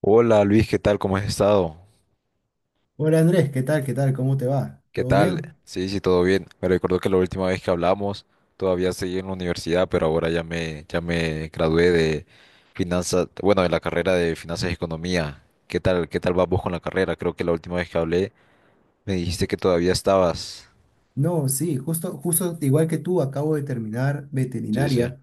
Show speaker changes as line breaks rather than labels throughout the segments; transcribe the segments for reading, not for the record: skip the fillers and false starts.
Hola Luis, ¿qué tal? ¿Cómo has estado?
Hola Andrés, ¿qué tal? ¿Cómo te va?
¿Qué
¿Todo
tal?
bien?
Sí, sí, todo bien. Me recuerdo que la última vez que hablamos todavía seguí en la universidad, pero ahora ya me gradué de finanzas, bueno, de la carrera de finanzas y economía. ¿Qué tal? ¿Qué tal vas vos con la carrera? Creo que la última vez que hablé me dijiste que todavía estabas.
No, sí, justo igual que tú, acabo de terminar
Sí, sí,
veterinaria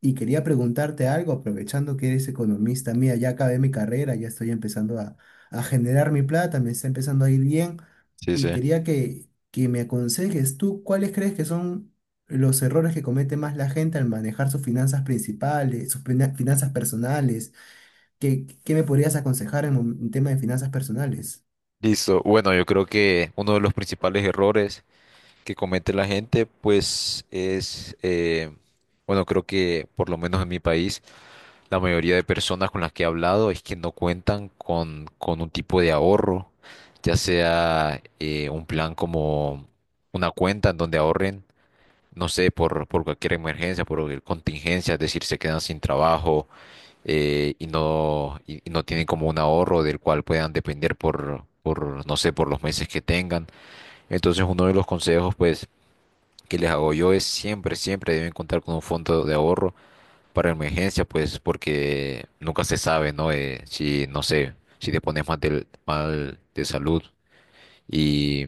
y quería preguntarte algo, aprovechando que eres economista mía, ya acabé mi carrera, ya estoy empezando a generar mi plata, me está empezando a ir bien
sí, sí.
y quería que me aconsejes tú, ¿cuáles crees que son los errores que comete más la gente al manejar sus finanzas principales, sus finanzas personales? ¿Qué me podrías aconsejar en un en tema de finanzas personales?
Listo. Bueno, yo creo que uno de los principales errores que comete la gente, pues, es, bueno, creo que por lo menos en mi país, la mayoría de personas con las que he hablado es que no cuentan con un tipo de ahorro, ya sea un plan como una cuenta en donde ahorren, no sé, por cualquier emergencia, por cualquier contingencia, es decir, se quedan sin trabajo, y no tienen como un ahorro del cual puedan depender por, no sé, por los meses que tengan. Entonces, uno de los consejos, pues, que les hago yo es siempre, siempre deben contar con un fondo de ahorro para emergencia, pues porque nunca se sabe, ¿no? Si, no sé, si te pones mal de salud y,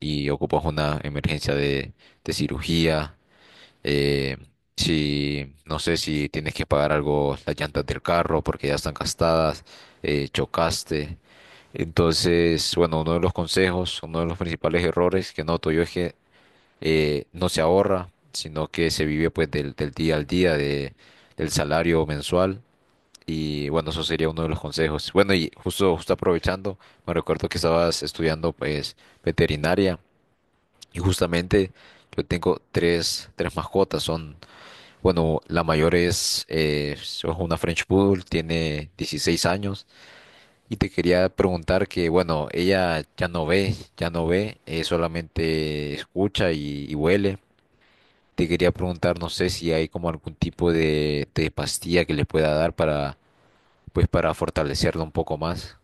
y ocupas una emergencia de cirugía, eh, si, no sé, si tienes que pagar algo, las llantas del carro porque ya están gastadas, chocaste. Entonces, bueno, uno de los consejos, uno de los principales errores que noto yo es que no se ahorra, sino que se vive pues del día al día, del salario mensual. Y bueno, eso sería uno de los consejos. Bueno, y justo, justo aprovechando, me recuerdo que estabas estudiando pues veterinaria y justamente yo tengo tres mascotas. Son, bueno, la mayor es una French Poodle, tiene 16 años. Y te quería preguntar que, bueno, ella ya no ve, solamente escucha y huele. Te quería preguntar, no sé si hay como algún tipo de pastilla que le pueda dar para, pues, para fortalecerlo un poco más.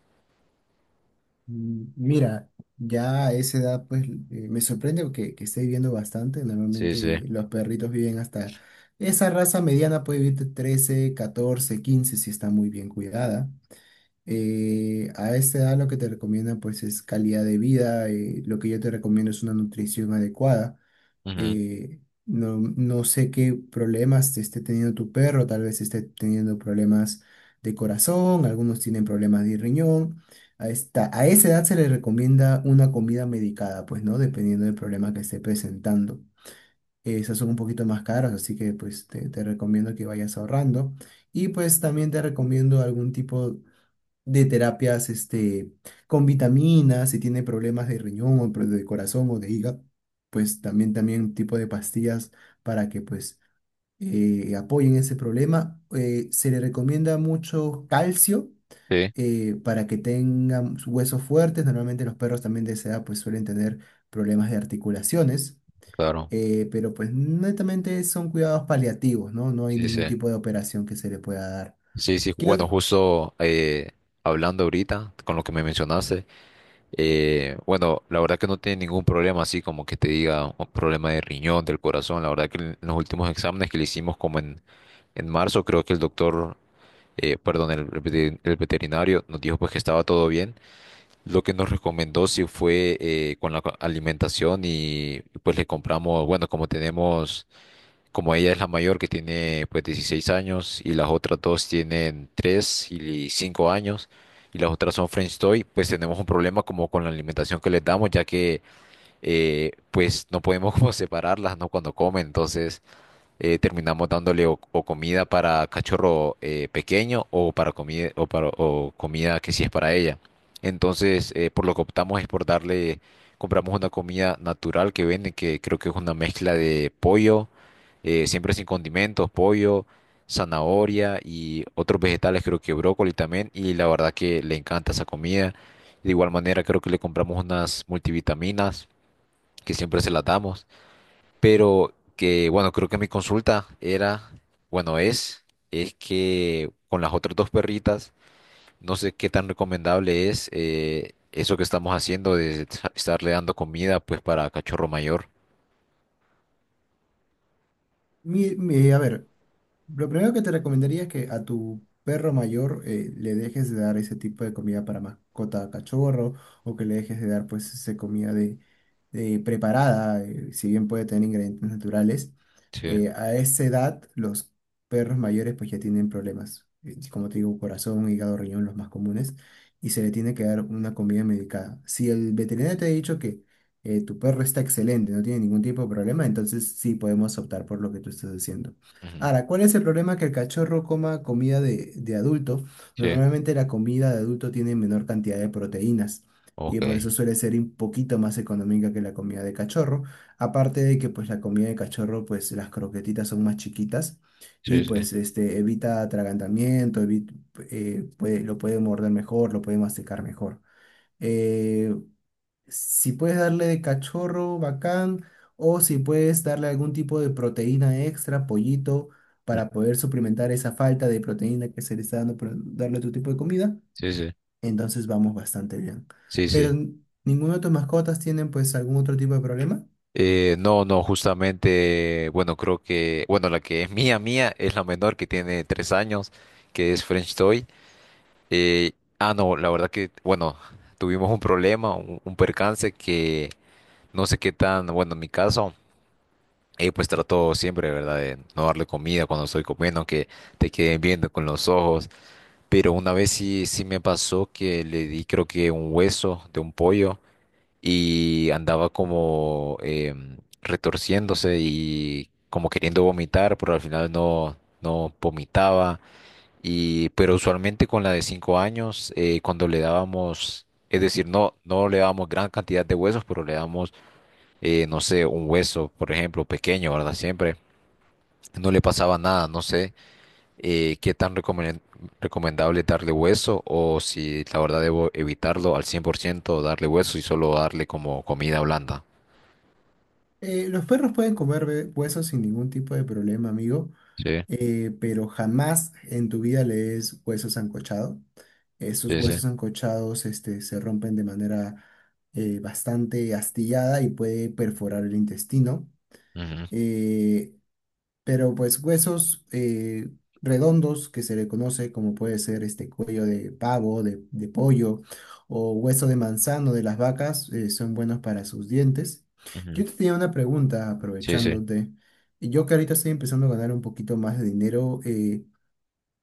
Mm, Mira, ya a esa edad pues me sorprende porque que esté viviendo bastante.
Sí, sí.
Normalmente los perritos viven hasta esa raza mediana, puede vivir de 13, 14, 15 si está muy bien cuidada. A esta edad lo que te recomienda pues es calidad de vida. Lo que yo te recomiendo es una nutrición adecuada.
Ujú,
eh, no sé qué problemas esté teniendo tu perro, tal vez esté teniendo problemas de corazón, algunos tienen problemas de riñón. A esa edad se le recomienda una comida medicada, pues, ¿no? Dependiendo del problema que esté presentando. Esas son un poquito más caras, así que pues te recomiendo que vayas ahorrando. Y pues también te recomiendo algún tipo de terapias este, con vitaminas, si tiene problemas de riñón o de corazón o de hígado, pues también, también tipo de pastillas para que pues apoyen ese problema. Se le recomienda mucho calcio
sí,
para que tengan sus huesos fuertes. Normalmente los perros también de esa edad pues suelen tener problemas de articulaciones.
claro.
Pero pues netamente son cuidados paliativos, ¿no? No hay
Sí, sí.
ningún tipo de operación que se le pueda dar.
Sí, sí.
¿Qué-
Bueno, justo hablando ahorita con lo que me mencionaste, bueno, la verdad que no tiene ningún problema así como que te diga un problema de riñón, del corazón. La verdad que en los últimos exámenes que le hicimos como en marzo, creo que el doctor, perdón, el, el veterinario nos dijo pues que estaba todo bien. Lo que nos recomendó sí fue, con la alimentación y pues le compramos, bueno, como tenemos, como ella es la mayor que tiene pues 16 años y las otras dos tienen 3 y 5 años y las otras son French Toy, pues tenemos un problema como con la alimentación que les damos ya que, pues no podemos como separarlas, ¿no? Cuando comen, entonces terminamos dándole o comida para cachorro, pequeño o para comida o para o comida que sí es para ella. Entonces, por lo que optamos es por darle, compramos una comida natural que venden, que creo que es una mezcla de pollo, siempre sin condimentos, pollo, zanahoria y otros vegetales, creo que brócoli también, y la verdad que le encanta esa comida. De igual manera, creo que le compramos unas multivitaminas que siempre se las damos. Pero que, bueno, creo que mi consulta era, bueno, es que con las otras dos perritas, no sé qué tan recomendable es, eso que estamos haciendo de estarle dando comida, pues, para cachorro mayor.
a ver, lo primero que te recomendaría es que a tu perro mayor le dejes de dar ese tipo de comida para mascota cachorro, o que le dejes de dar pues esa comida de preparada, si bien puede tener ingredientes naturales.
Sí,
A esa edad los perros mayores pues ya tienen problemas, como te digo, corazón, hígado, riñón, los más comunes, y se le tiene que dar una comida medicada. Si el veterinario te ha dicho que tu perro está excelente, no tiene ningún tipo de problema, entonces sí podemos optar por lo que tú estás haciendo.
ujú,
Ahora, ¿cuál es el problema que el cachorro coma comida de adulto?
sí,
Normalmente la comida de adulto tiene menor cantidad de proteínas y por eso
ok,
suele ser un poquito más económica que la comida de cachorro. Aparte de que pues la comida de cachorro, pues las croquetitas son más chiquitas y
sí, sí,
pues este, evita atragantamiento, lo puede morder mejor, lo puede masticar mejor. Eh, si puedes darle de cachorro, bacán, o si puedes darle algún tipo de proteína extra, pollito,
mm,
para poder suplementar esa falta de proteína que se le está dando por darle otro tipo de comida,
sí, sí,
entonces vamos bastante bien.
sí,
Pero
sí.
ninguna de tus mascotas tienen pues algún otro tipo de problema.
No, no, justamente, bueno, creo que, bueno, la que es mía, mía, es la menor que tiene 3 años, que es French Toy. Eh, ah, no, la verdad que, bueno, tuvimos un problema, un percance que no sé qué tan, bueno, en mi caso, pues trato siempre, ¿verdad?, de no darle comida cuando estoy comiendo, que te queden viendo con los ojos. Pero una vez sí, sí me pasó que le di, creo que un hueso de un pollo y andaba como retorciéndose y como queriendo vomitar, pero al final no, no vomitaba. Pero usualmente con la de 5 años, cuando le dábamos, es decir, no, no le dábamos gran cantidad de huesos, pero le dábamos, no sé, un hueso, por ejemplo, pequeño, ¿verdad? Siempre no le pasaba nada, no sé, qué tan recomendable darle hueso o si la verdad debo evitarlo al 100% darle hueso y solo darle como comida blanda.
Los perros pueden comer huesos sin ningún tipo de problema, amigo.
Sí,
Pero jamás en tu vida lees huesos sancochado. Esos
sí, sí.
huesos sancochados este, se rompen de manera bastante astillada y puede perforar el intestino.
Ujú,
Eh, pero pues huesos redondos que se le conoce como puede ser este cuello de pavo, de pollo o hueso de manzano de las vacas son buenos para sus dientes. Yo
ujú.
te tenía una pregunta
Sí, sí.
aprovechándote. Yo que ahorita estoy empezando a ganar un poquito más de dinero,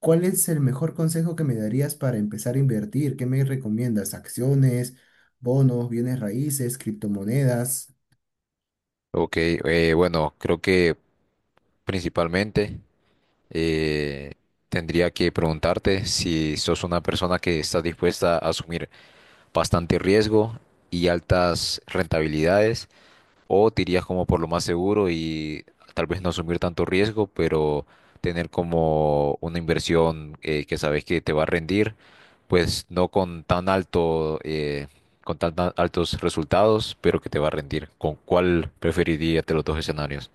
¿cuál es el mejor consejo que me darías para empezar a invertir? ¿Qué me recomiendas? ¿Acciones, bonos, bienes raíces, criptomonedas?
Ok, bueno, creo que principalmente. eh, Tendría que preguntarte si sos una persona que está dispuesta a asumir bastante riesgo y altas rentabilidades, o te irías como por lo más seguro y tal vez no asumir tanto riesgo, pero tener como una inversión, que sabes que te va a rendir, pues no con tan alto, con tan tan altos resultados, pero que te va a rendir. ¿Con cuál preferirías de los dos escenarios?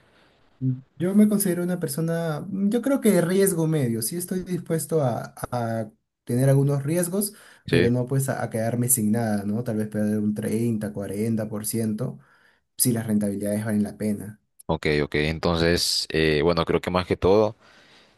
Yo me considero una persona, mm, yo creo que de riesgo medio, sí estoy dispuesto a tener algunos riesgos, pero
Sí.
no pues a quedarme sin nada, ¿no? Tal vez perder un 30, 40%, si las rentabilidades valen la pena.
Ok, ok. Entonces, bueno, creo que más que todo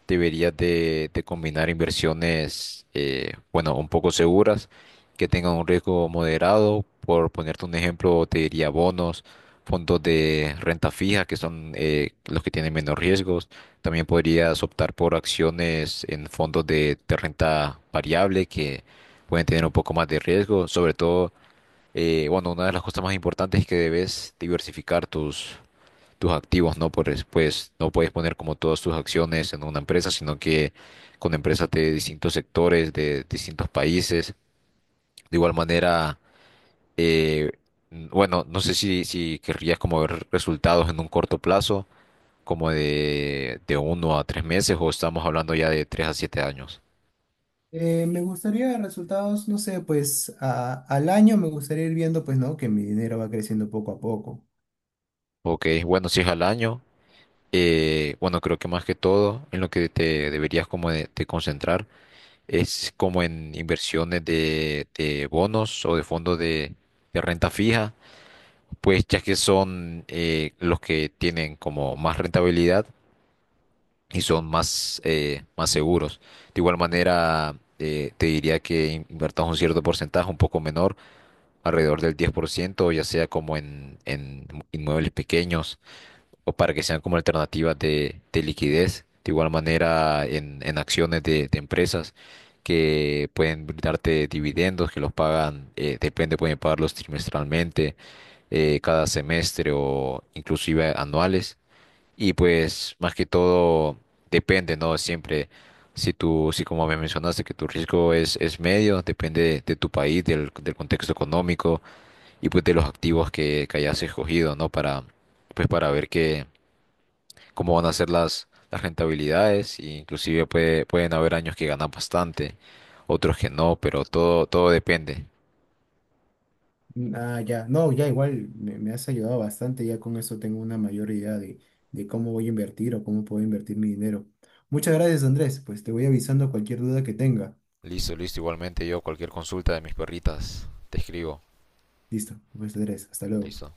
deberías de combinar inversiones, bueno, un poco seguras, que tengan un riesgo moderado. Por ponerte un ejemplo, te diría bonos, fondos de renta fija, que son, los que tienen menos riesgos. También podrías optar por acciones en fondos de renta variable, que pueden tener un poco más de riesgo. Sobre todo, bueno, una de las cosas más importantes es que debes diversificar tus activos, ¿no? Pues no puedes poner como todas tus acciones en una empresa, sino que con empresas de distintos sectores, de distintos países. De igual manera, eh, bueno, no sé si querrías como ver resultados en un corto plazo, como de 1 a 3 meses, o estamos hablando ya de 3 a 7 años.
Me gustaría resultados, no sé, pues al año me gustaría ir viendo pues, ¿no? Que mi dinero va creciendo poco a poco.
Ok, bueno, si es al año, bueno, creo que más que todo en lo que te deberías como de concentrar es como en inversiones de bonos o de fondos de renta fija, pues ya que son, los que tienen como más rentabilidad y son más, más seguros. De igual manera, te diría que inviertas un cierto porcentaje, un poco menor, alrededor del 10% ya sea como en, inmuebles pequeños o para que sean como alternativas de liquidez, de igual manera en acciones de empresas que pueden brindarte dividendos, que los pagan, depende, pueden pagarlos trimestralmente, cada semestre o inclusive anuales. Y pues más que todo depende, ¿no? Siempre, si como me mencionaste que tu riesgo es medio, depende de tu país, del contexto económico y pues de los activos que hayas escogido, ¿no? Para, pues para ver qué cómo van a ser las, rentabilidades, e inclusive pueden haber años que ganan bastante, otros que no, pero todo, todo depende.
Ah, ya, no, ya igual me has ayudado bastante, ya con eso tengo una mayor idea de cómo voy a invertir o cómo puedo invertir mi dinero. Muchas gracias, Andrés, pues te voy avisando cualquier duda que tenga.
Listo, listo, igualmente yo cualquier consulta de mis perritas, te escribo.
Listo, pues Andrés, hasta luego.
Listo.